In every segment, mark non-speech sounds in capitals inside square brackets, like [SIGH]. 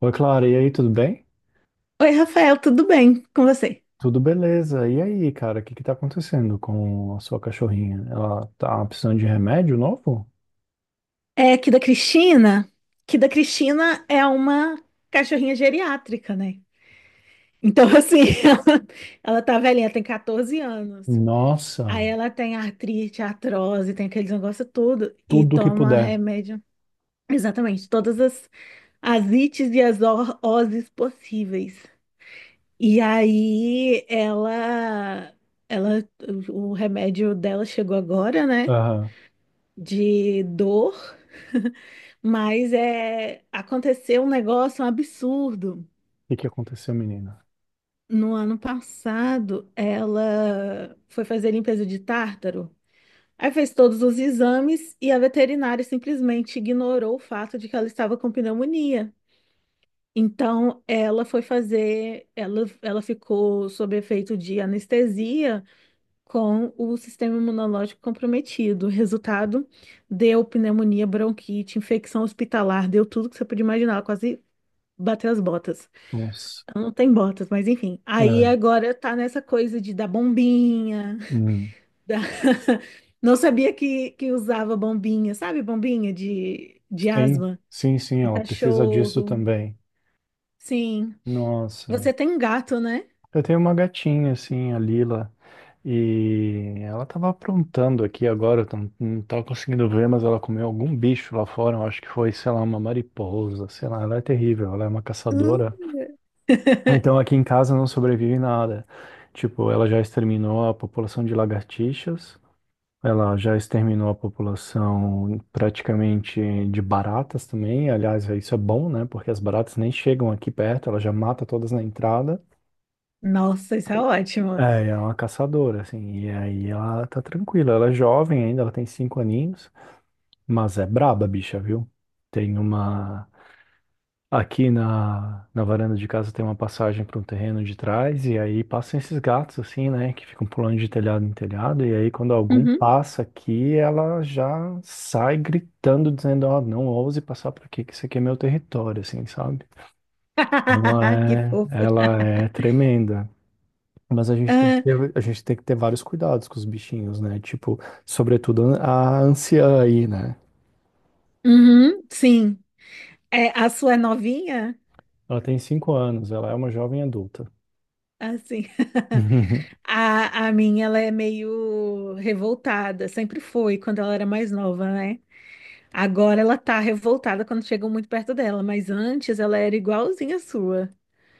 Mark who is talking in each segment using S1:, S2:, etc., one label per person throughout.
S1: Oi, Clara, e aí, tudo bem?
S2: Oi, Rafael, tudo bem com você?
S1: Tudo beleza. E aí, cara, o que que tá acontecendo com a sua cachorrinha? Ela tá precisando de remédio novo?
S2: É aqui da Cristina, que da Cristina é uma cachorrinha geriátrica, né? Então, assim, [LAUGHS] ela tá velhinha, tem 14 anos. Aí
S1: Nossa,
S2: ela tem artrite, artrose, tem aqueles negócios tudo, e
S1: tudo que
S2: toma
S1: puder.
S2: remédio, exatamente, as ites e as oses possíveis. E aí ela, o remédio dela chegou agora, né?
S1: Aham. O
S2: De dor, [LAUGHS] mas aconteceu um negócio um absurdo.
S1: que que aconteceu, menina?
S2: No ano passado, ela foi fazer limpeza de tártaro. Aí fez todos os exames e a veterinária simplesmente ignorou o fato de que ela estava com pneumonia. Então, ela foi fazer, ela ficou sob efeito de anestesia com o sistema imunológico comprometido. O resultado, deu pneumonia, bronquite, infecção hospitalar, deu tudo que você podia imaginar, ela quase bateu as botas.
S1: Nossa.
S2: Ela não tem botas, mas enfim. Aí
S1: É.
S2: agora tá nessa coisa de dar bombinha,
S1: Hum.
S2: [LAUGHS] da- não sabia que usava bombinha, sabe? Bombinha de
S1: Sim,
S2: asma.
S1: sim, sim,
S2: O
S1: ela precisa disso
S2: cachorro.
S1: também.
S2: Sim.
S1: Nossa.
S2: Você tem um gato, né?
S1: Eu tenho uma gatinha, assim, a Lila, e ela tava aprontando aqui agora, não tava conseguindo ver, mas ela comeu algum bicho lá fora, eu acho que foi, sei lá, uma mariposa, sei lá, ela é terrível, ela é uma
S2: Hum.
S1: caçadora.
S2: [LAUGHS]
S1: Então aqui em casa não sobrevive nada. Tipo, ela já exterminou a população de lagartixas, ela já exterminou a população praticamente de baratas também, aliás, isso é bom, né, porque as baratas nem chegam aqui perto, ela já mata todas na entrada.
S2: Nossa, isso é
S1: É,
S2: ótimo.
S1: ela é uma caçadora, assim, e aí ela tá tranquila, ela é jovem ainda, ela tem 5 aninhos, mas é braba, a bicha, viu? Tem uma. Aqui na varanda de casa tem uma passagem para um terreno de trás, e aí passam esses gatos, assim, né, que ficam pulando de telhado em telhado, e aí quando algum
S2: Uhum.
S1: passa aqui, ela já sai gritando, dizendo: Ó, não ouse passar por aqui, que isso aqui é meu território, assim, sabe? Ela
S2: [LAUGHS] Que
S1: é,
S2: fofa.
S1: ela é tremenda, mas a gente tem que ter, a gente tem que ter vários cuidados com os bichinhos, né? Tipo, sobretudo a anciã aí, né?
S2: Uhum, sim. É, a sua é novinha?
S1: Ela tem 5 anos, ela é uma jovem adulta.
S2: Assim. [LAUGHS]
S1: [LAUGHS]
S2: A minha, ela é meio revoltada. Sempre foi quando ela era mais nova, né? Agora ela tá revoltada quando chegam muito perto dela, mas antes ela era igualzinha à sua.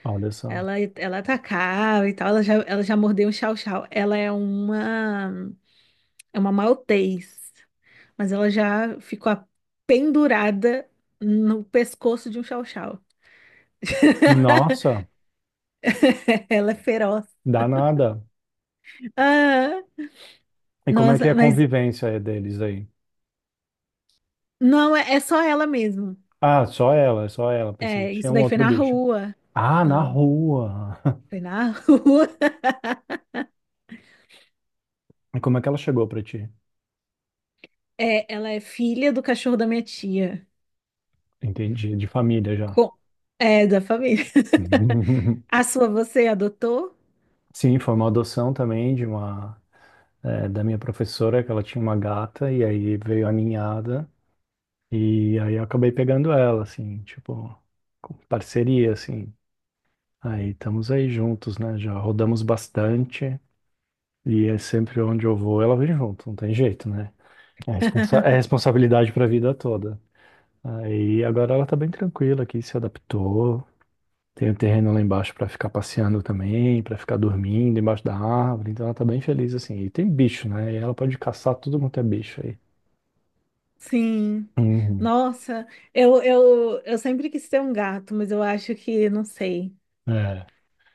S1: Olha só.
S2: Ela atacava e tal, ela já mordeu um chau-chau. É uma maltês, mas ela já ficou pendurada no pescoço de um chau-chau.
S1: Nossa,
S2: [LAUGHS] Ela é feroz.
S1: danada.
S2: Ah,
S1: E como é que é
S2: nossa,
S1: a
S2: mas
S1: convivência deles aí?
S2: não, é, é só ela mesmo.
S1: Ah, só ela, só ela. Pensei que
S2: É,
S1: tinha
S2: isso
S1: um
S2: daí foi
S1: outro
S2: na
S1: bicho.
S2: rua.
S1: Ah, na
S2: Não,
S1: rua. [LAUGHS]
S2: foi na [LAUGHS] rua.
S1: E como é que ela chegou pra ti?
S2: É, ela é filha do cachorro da minha tia.
S1: Entendi, de família já.
S2: Com... É, da família. [LAUGHS] A
S1: [LAUGHS]
S2: sua você adotou?
S1: Sim, foi uma adoção também de uma, da minha professora, que ela tinha uma gata, e aí veio a ninhada. E aí eu acabei pegando ela, assim, tipo, com parceria, assim. Aí estamos aí juntos, né? Já rodamos bastante e é sempre onde eu vou, ela vem junto, não tem jeito, né? É, responsa é
S2: [LAUGHS]
S1: responsabilidade pra vida toda. Aí agora ela tá bem tranquila aqui, se adaptou. Tem o terreno lá embaixo pra ficar passeando também, pra ficar dormindo embaixo da árvore, então ela tá bem feliz assim. E tem bicho, né? E ela pode caçar tudo quanto é bicho aí.
S2: Sim.
S1: Uhum.
S2: Nossa, eu sempre quis ter um gato, mas eu acho que não sei,
S1: É.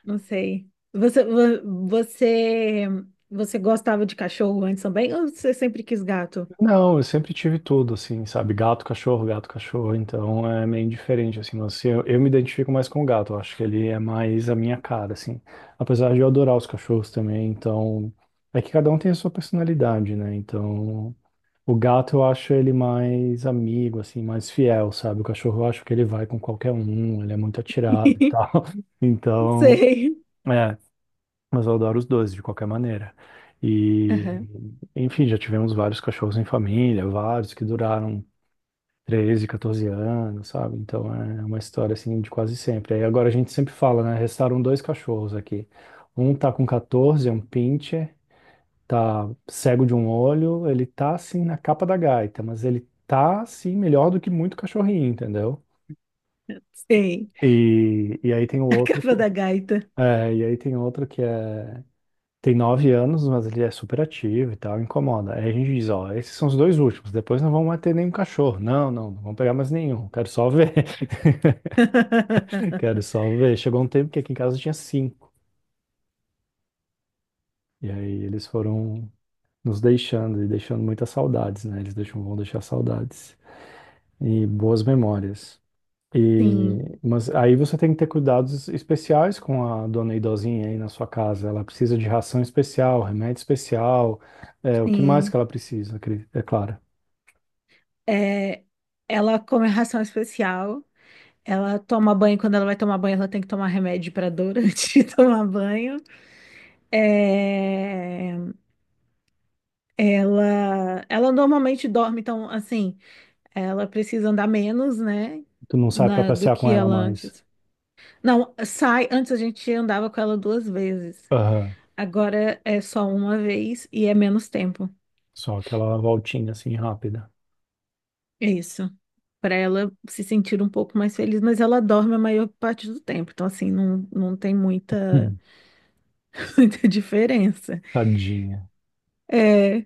S2: não sei. Você gostava de cachorro antes também, ou você sempre quis gato?
S1: Não, eu sempre tive tudo, assim, sabe? Gato, cachorro, gato, cachorro. Então é meio diferente, assim. Mas assim, eu me identifico mais com o gato. Eu acho que ele é mais a minha cara, assim. Apesar de eu adorar os cachorros também. Então é que cada um tem a sua personalidade, né? Então o gato eu acho ele mais amigo, assim, mais fiel, sabe? O cachorro eu acho que ele vai com qualquer um. Ele é muito atirado e tal.
S2: [LAUGHS]
S1: [LAUGHS]
S2: Não
S1: Então.
S2: sei.
S1: É, mas eu adoro os dois, de qualquer maneira. E,
S2: Aham.
S1: enfim, já tivemos vários cachorros em família, vários que duraram 13, 14 anos, sabe? Então é uma história assim de quase sempre. Aí agora a gente sempre fala, né? Restaram dois cachorros aqui. Um tá com 14, é um pincher, tá cego de um olho, ele tá assim na capa da gaita, mas ele tá assim melhor do que muito cachorrinho, entendeu?
S2: Sei.
S1: E, e aí tem o
S2: [LAUGHS] A
S1: outro que,
S2: capa da gaita.
S1: e aí tem outro que é. Tem 9 anos, mas ele é super ativo e tal, incomoda. Aí a gente diz, ó, esses são os dois últimos, depois não vamos mais ter nenhum cachorro. Não, não, não vamos pegar mais nenhum, quero só ver. [LAUGHS] Quero
S2: [LAUGHS]
S1: só ver. Chegou um tempo que aqui em casa tinha cinco. E aí eles foram nos deixando e deixando muitas saudades, né? Eles deixam, vão deixar saudades e boas memórias.
S2: Sim,
S1: E, mas aí você tem que ter cuidados especiais com a dona idosinha aí na sua casa. Ela precisa de ração especial, remédio especial, é, o que mais que
S2: sim.
S1: ela precisa, Cris? É claro.
S2: É, ela come ração especial. Ela toma banho. Quando ela vai tomar banho, ela tem que tomar remédio para dor [LAUGHS] antes de tomar banho. É, ela normalmente dorme, então, assim, ela precisa andar menos, né?
S1: Tu não sai pra
S2: Do
S1: passear com
S2: que
S1: ela
S2: ela
S1: mais.
S2: antes. Não, sai, antes a gente andava com ela duas vezes.
S1: Aham.
S2: Agora é só uma vez e é menos tempo.
S1: Só aquela voltinha assim rápida.
S2: É isso. Para ela se sentir um pouco mais feliz, mas ela dorme a maior parte do tempo. Então, assim, não, não tem muita,
S1: Hum.
S2: [LAUGHS] muita diferença.
S1: Tadinha.
S2: É,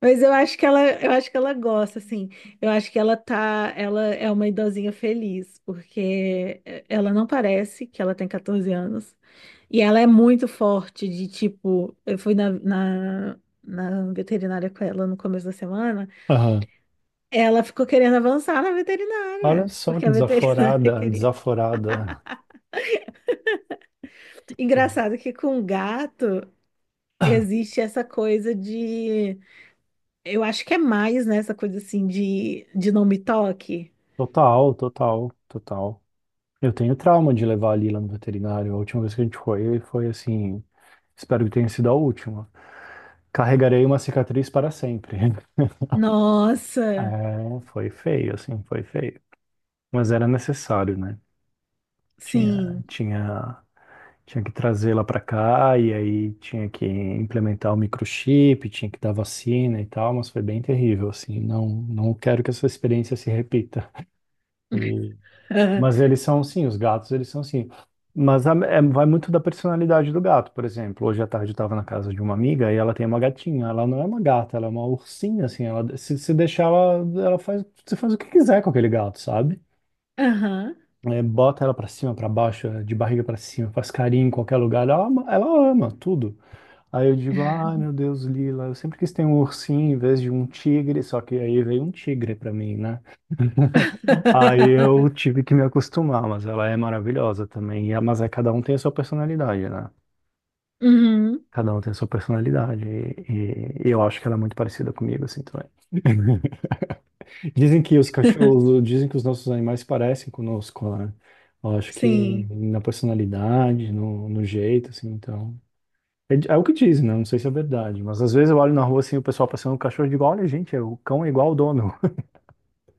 S2: mas eu acho que ela, eu acho que ela gosta, assim. Eu acho que ela tá, ela é uma idosinha feliz, porque ela não parece que ela tem 14 anos. E ela é muito forte de tipo, eu fui na veterinária com ela no começo da semana.
S1: Aham.
S2: Ela ficou querendo avançar na
S1: Olha
S2: veterinária,
S1: só
S2: porque
S1: que
S2: a veterinária [LAUGHS]
S1: desaforada,
S2: queria.
S1: desaforada.
S2: Engraçado que com gato existe essa coisa de, eu acho que é mais, né, essa coisa assim de não me toque.
S1: Total, total, total. Eu tenho trauma de levar a Lila no veterinário. A última vez que a gente foi, foi assim. Espero que tenha sido a última. Carregarei uma cicatriz para sempre. [LAUGHS]
S2: Nossa,
S1: É, foi feio, assim, foi feio. Mas era necessário, né? Tinha,
S2: sim.
S1: tinha Tinha que trazê-la para cá e aí tinha que implementar o microchip, tinha que dar vacina e tal, mas foi bem terrível, assim. Não, não quero que essa experiência se repita. E- mas
S2: [LAUGHS]
S1: eles são, sim, os gatos, eles são, sim. Mas vai muito da personalidade do gato, por exemplo. Hoje à tarde eu estava na casa de uma amiga e ela tem uma gatinha. Ela não é uma gata, ela é uma ursinha, assim. Ela, se deixar, ela faz, você faz o que quiser com aquele gato, sabe?
S2: Aham.
S1: É, bota ela pra cima, pra baixo, é, de barriga pra cima, faz carinho em qualquer lugar. Ela ama tudo. Aí eu digo, ai meu Deus, Lila, eu sempre quis ter um ursinho em vez de um tigre, só que aí veio um tigre pra mim, né? Aí eu
S2: [LAUGHS]
S1: tive que me acostumar, mas ela é maravilhosa também. Mas é, cada um tem a sua personalidade, né?
S2: Uhum,
S1: Cada um tem a sua personalidade. E eu acho que ela é muito parecida comigo, assim, também. [LAUGHS] Dizem que os cachorros, dizem que os nossos animais se parecem conosco, né? Eu acho que
S2: sim.
S1: na personalidade, no jeito, assim, então. É, é o que dizem, né? Não sei se é verdade, mas às vezes eu olho na rua assim, o pessoal passando o cachorro e digo, olha, gente, o cão é igual o dono,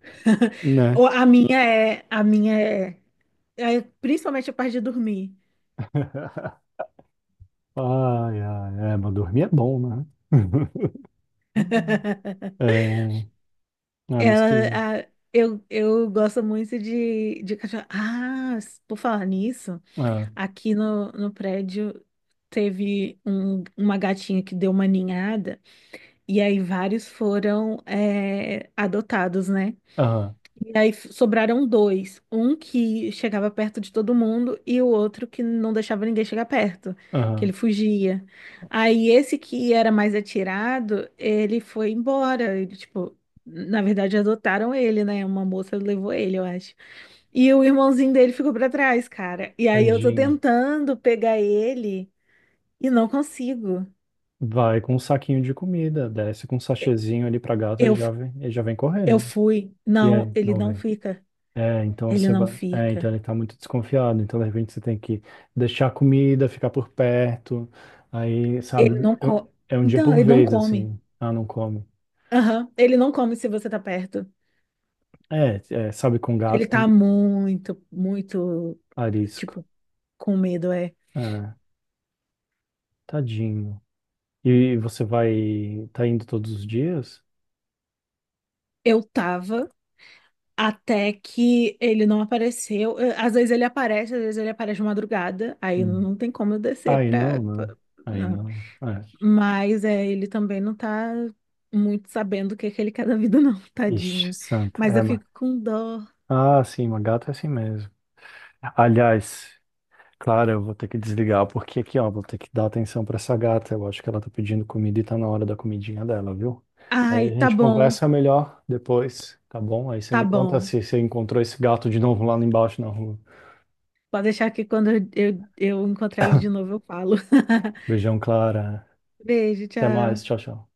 S2: [LAUGHS]
S1: né?
S2: A minha é, é principalmente a parte de dormir.
S1: [LAUGHS] Ai, ai, é, mas dormir é bom, né? [LAUGHS]
S2: [LAUGHS]
S1: É, é, mas que.
S2: Eu gosto muito de cachorro. Ah, por falar nisso,
S1: Ah,
S2: aqui no, no prédio teve uma gatinha que deu uma ninhada, e aí vários foram é, adotados, né?
S1: ah,
S2: E aí sobraram dois. Um que chegava perto de todo mundo e o outro que não deixava ninguém chegar perto, que
S1: ah,
S2: ele fugia. Aí esse que era mais atirado, ele foi embora. Ele, tipo, na verdade adotaram ele, né? Uma moça levou ele, eu acho. E o irmãozinho dele ficou pra trás, cara. E aí eu tô
S1: tadinho.
S2: tentando pegar ele e não consigo.
S1: Vai com um saquinho de comida, desce com um sachêzinho ali pra gato,
S2: Eu, f-
S1: ele já vem
S2: eu
S1: correndo.
S2: fui.
S1: E
S2: Não,
S1: aí,
S2: ele
S1: não
S2: não
S1: vem?
S2: fica.
S1: É, então
S2: Ele
S1: você
S2: não
S1: vai. É, então
S2: fica.
S1: ele tá muito desconfiado. Então, de repente, você tem que deixar a comida, ficar por perto. Aí,
S2: Ele
S1: sabe,
S2: não co...
S1: é um dia
S2: Então,
S1: por
S2: ele não
S1: vez,
S2: come.
S1: assim. Ah, não come.
S2: Aham. Ele não come se você tá perto.
S1: É, é, sabe, com
S2: Ele
S1: gato tem
S2: tá muito,
S1: arisco.
S2: tipo, com medo, é.
S1: É, tadinho. E você vai. Tá indo todos os dias?
S2: Eu tava até que ele não apareceu. Às vezes ele aparece, às vezes ele aparece de madrugada. Aí
S1: Hum.
S2: não tem como eu descer
S1: Aí
S2: pra...
S1: não, né? Aí
S2: não.
S1: não. É.
S2: Mas é, ele também não tá muito sabendo o que que ele quer da vida, não, [LAUGHS]
S1: Ixi,
S2: tadinho.
S1: santo.
S2: Mas
S1: É,
S2: eu
S1: mas...
S2: fico com dó.
S1: Ah, sim, uma gata é assim mesmo. Aliás. Claro, eu vou ter que desligar, porque aqui, ó, vou ter que dar atenção pra essa gata. Eu acho que ela tá pedindo comida e tá na hora da comidinha dela, viu?
S2: Ai,
S1: Aí a
S2: tá
S1: gente
S2: bom,
S1: conversa melhor depois, tá bom? Aí você
S2: tá
S1: me conta
S2: bom.
S1: se você encontrou esse gato de novo lá embaixo na rua.
S2: Pode deixar que quando eu encontrar ele de novo eu falo. [LAUGHS]
S1: Beijão, Clara.
S2: Beijo,
S1: Até mais,
S2: tchau.
S1: tchau, tchau.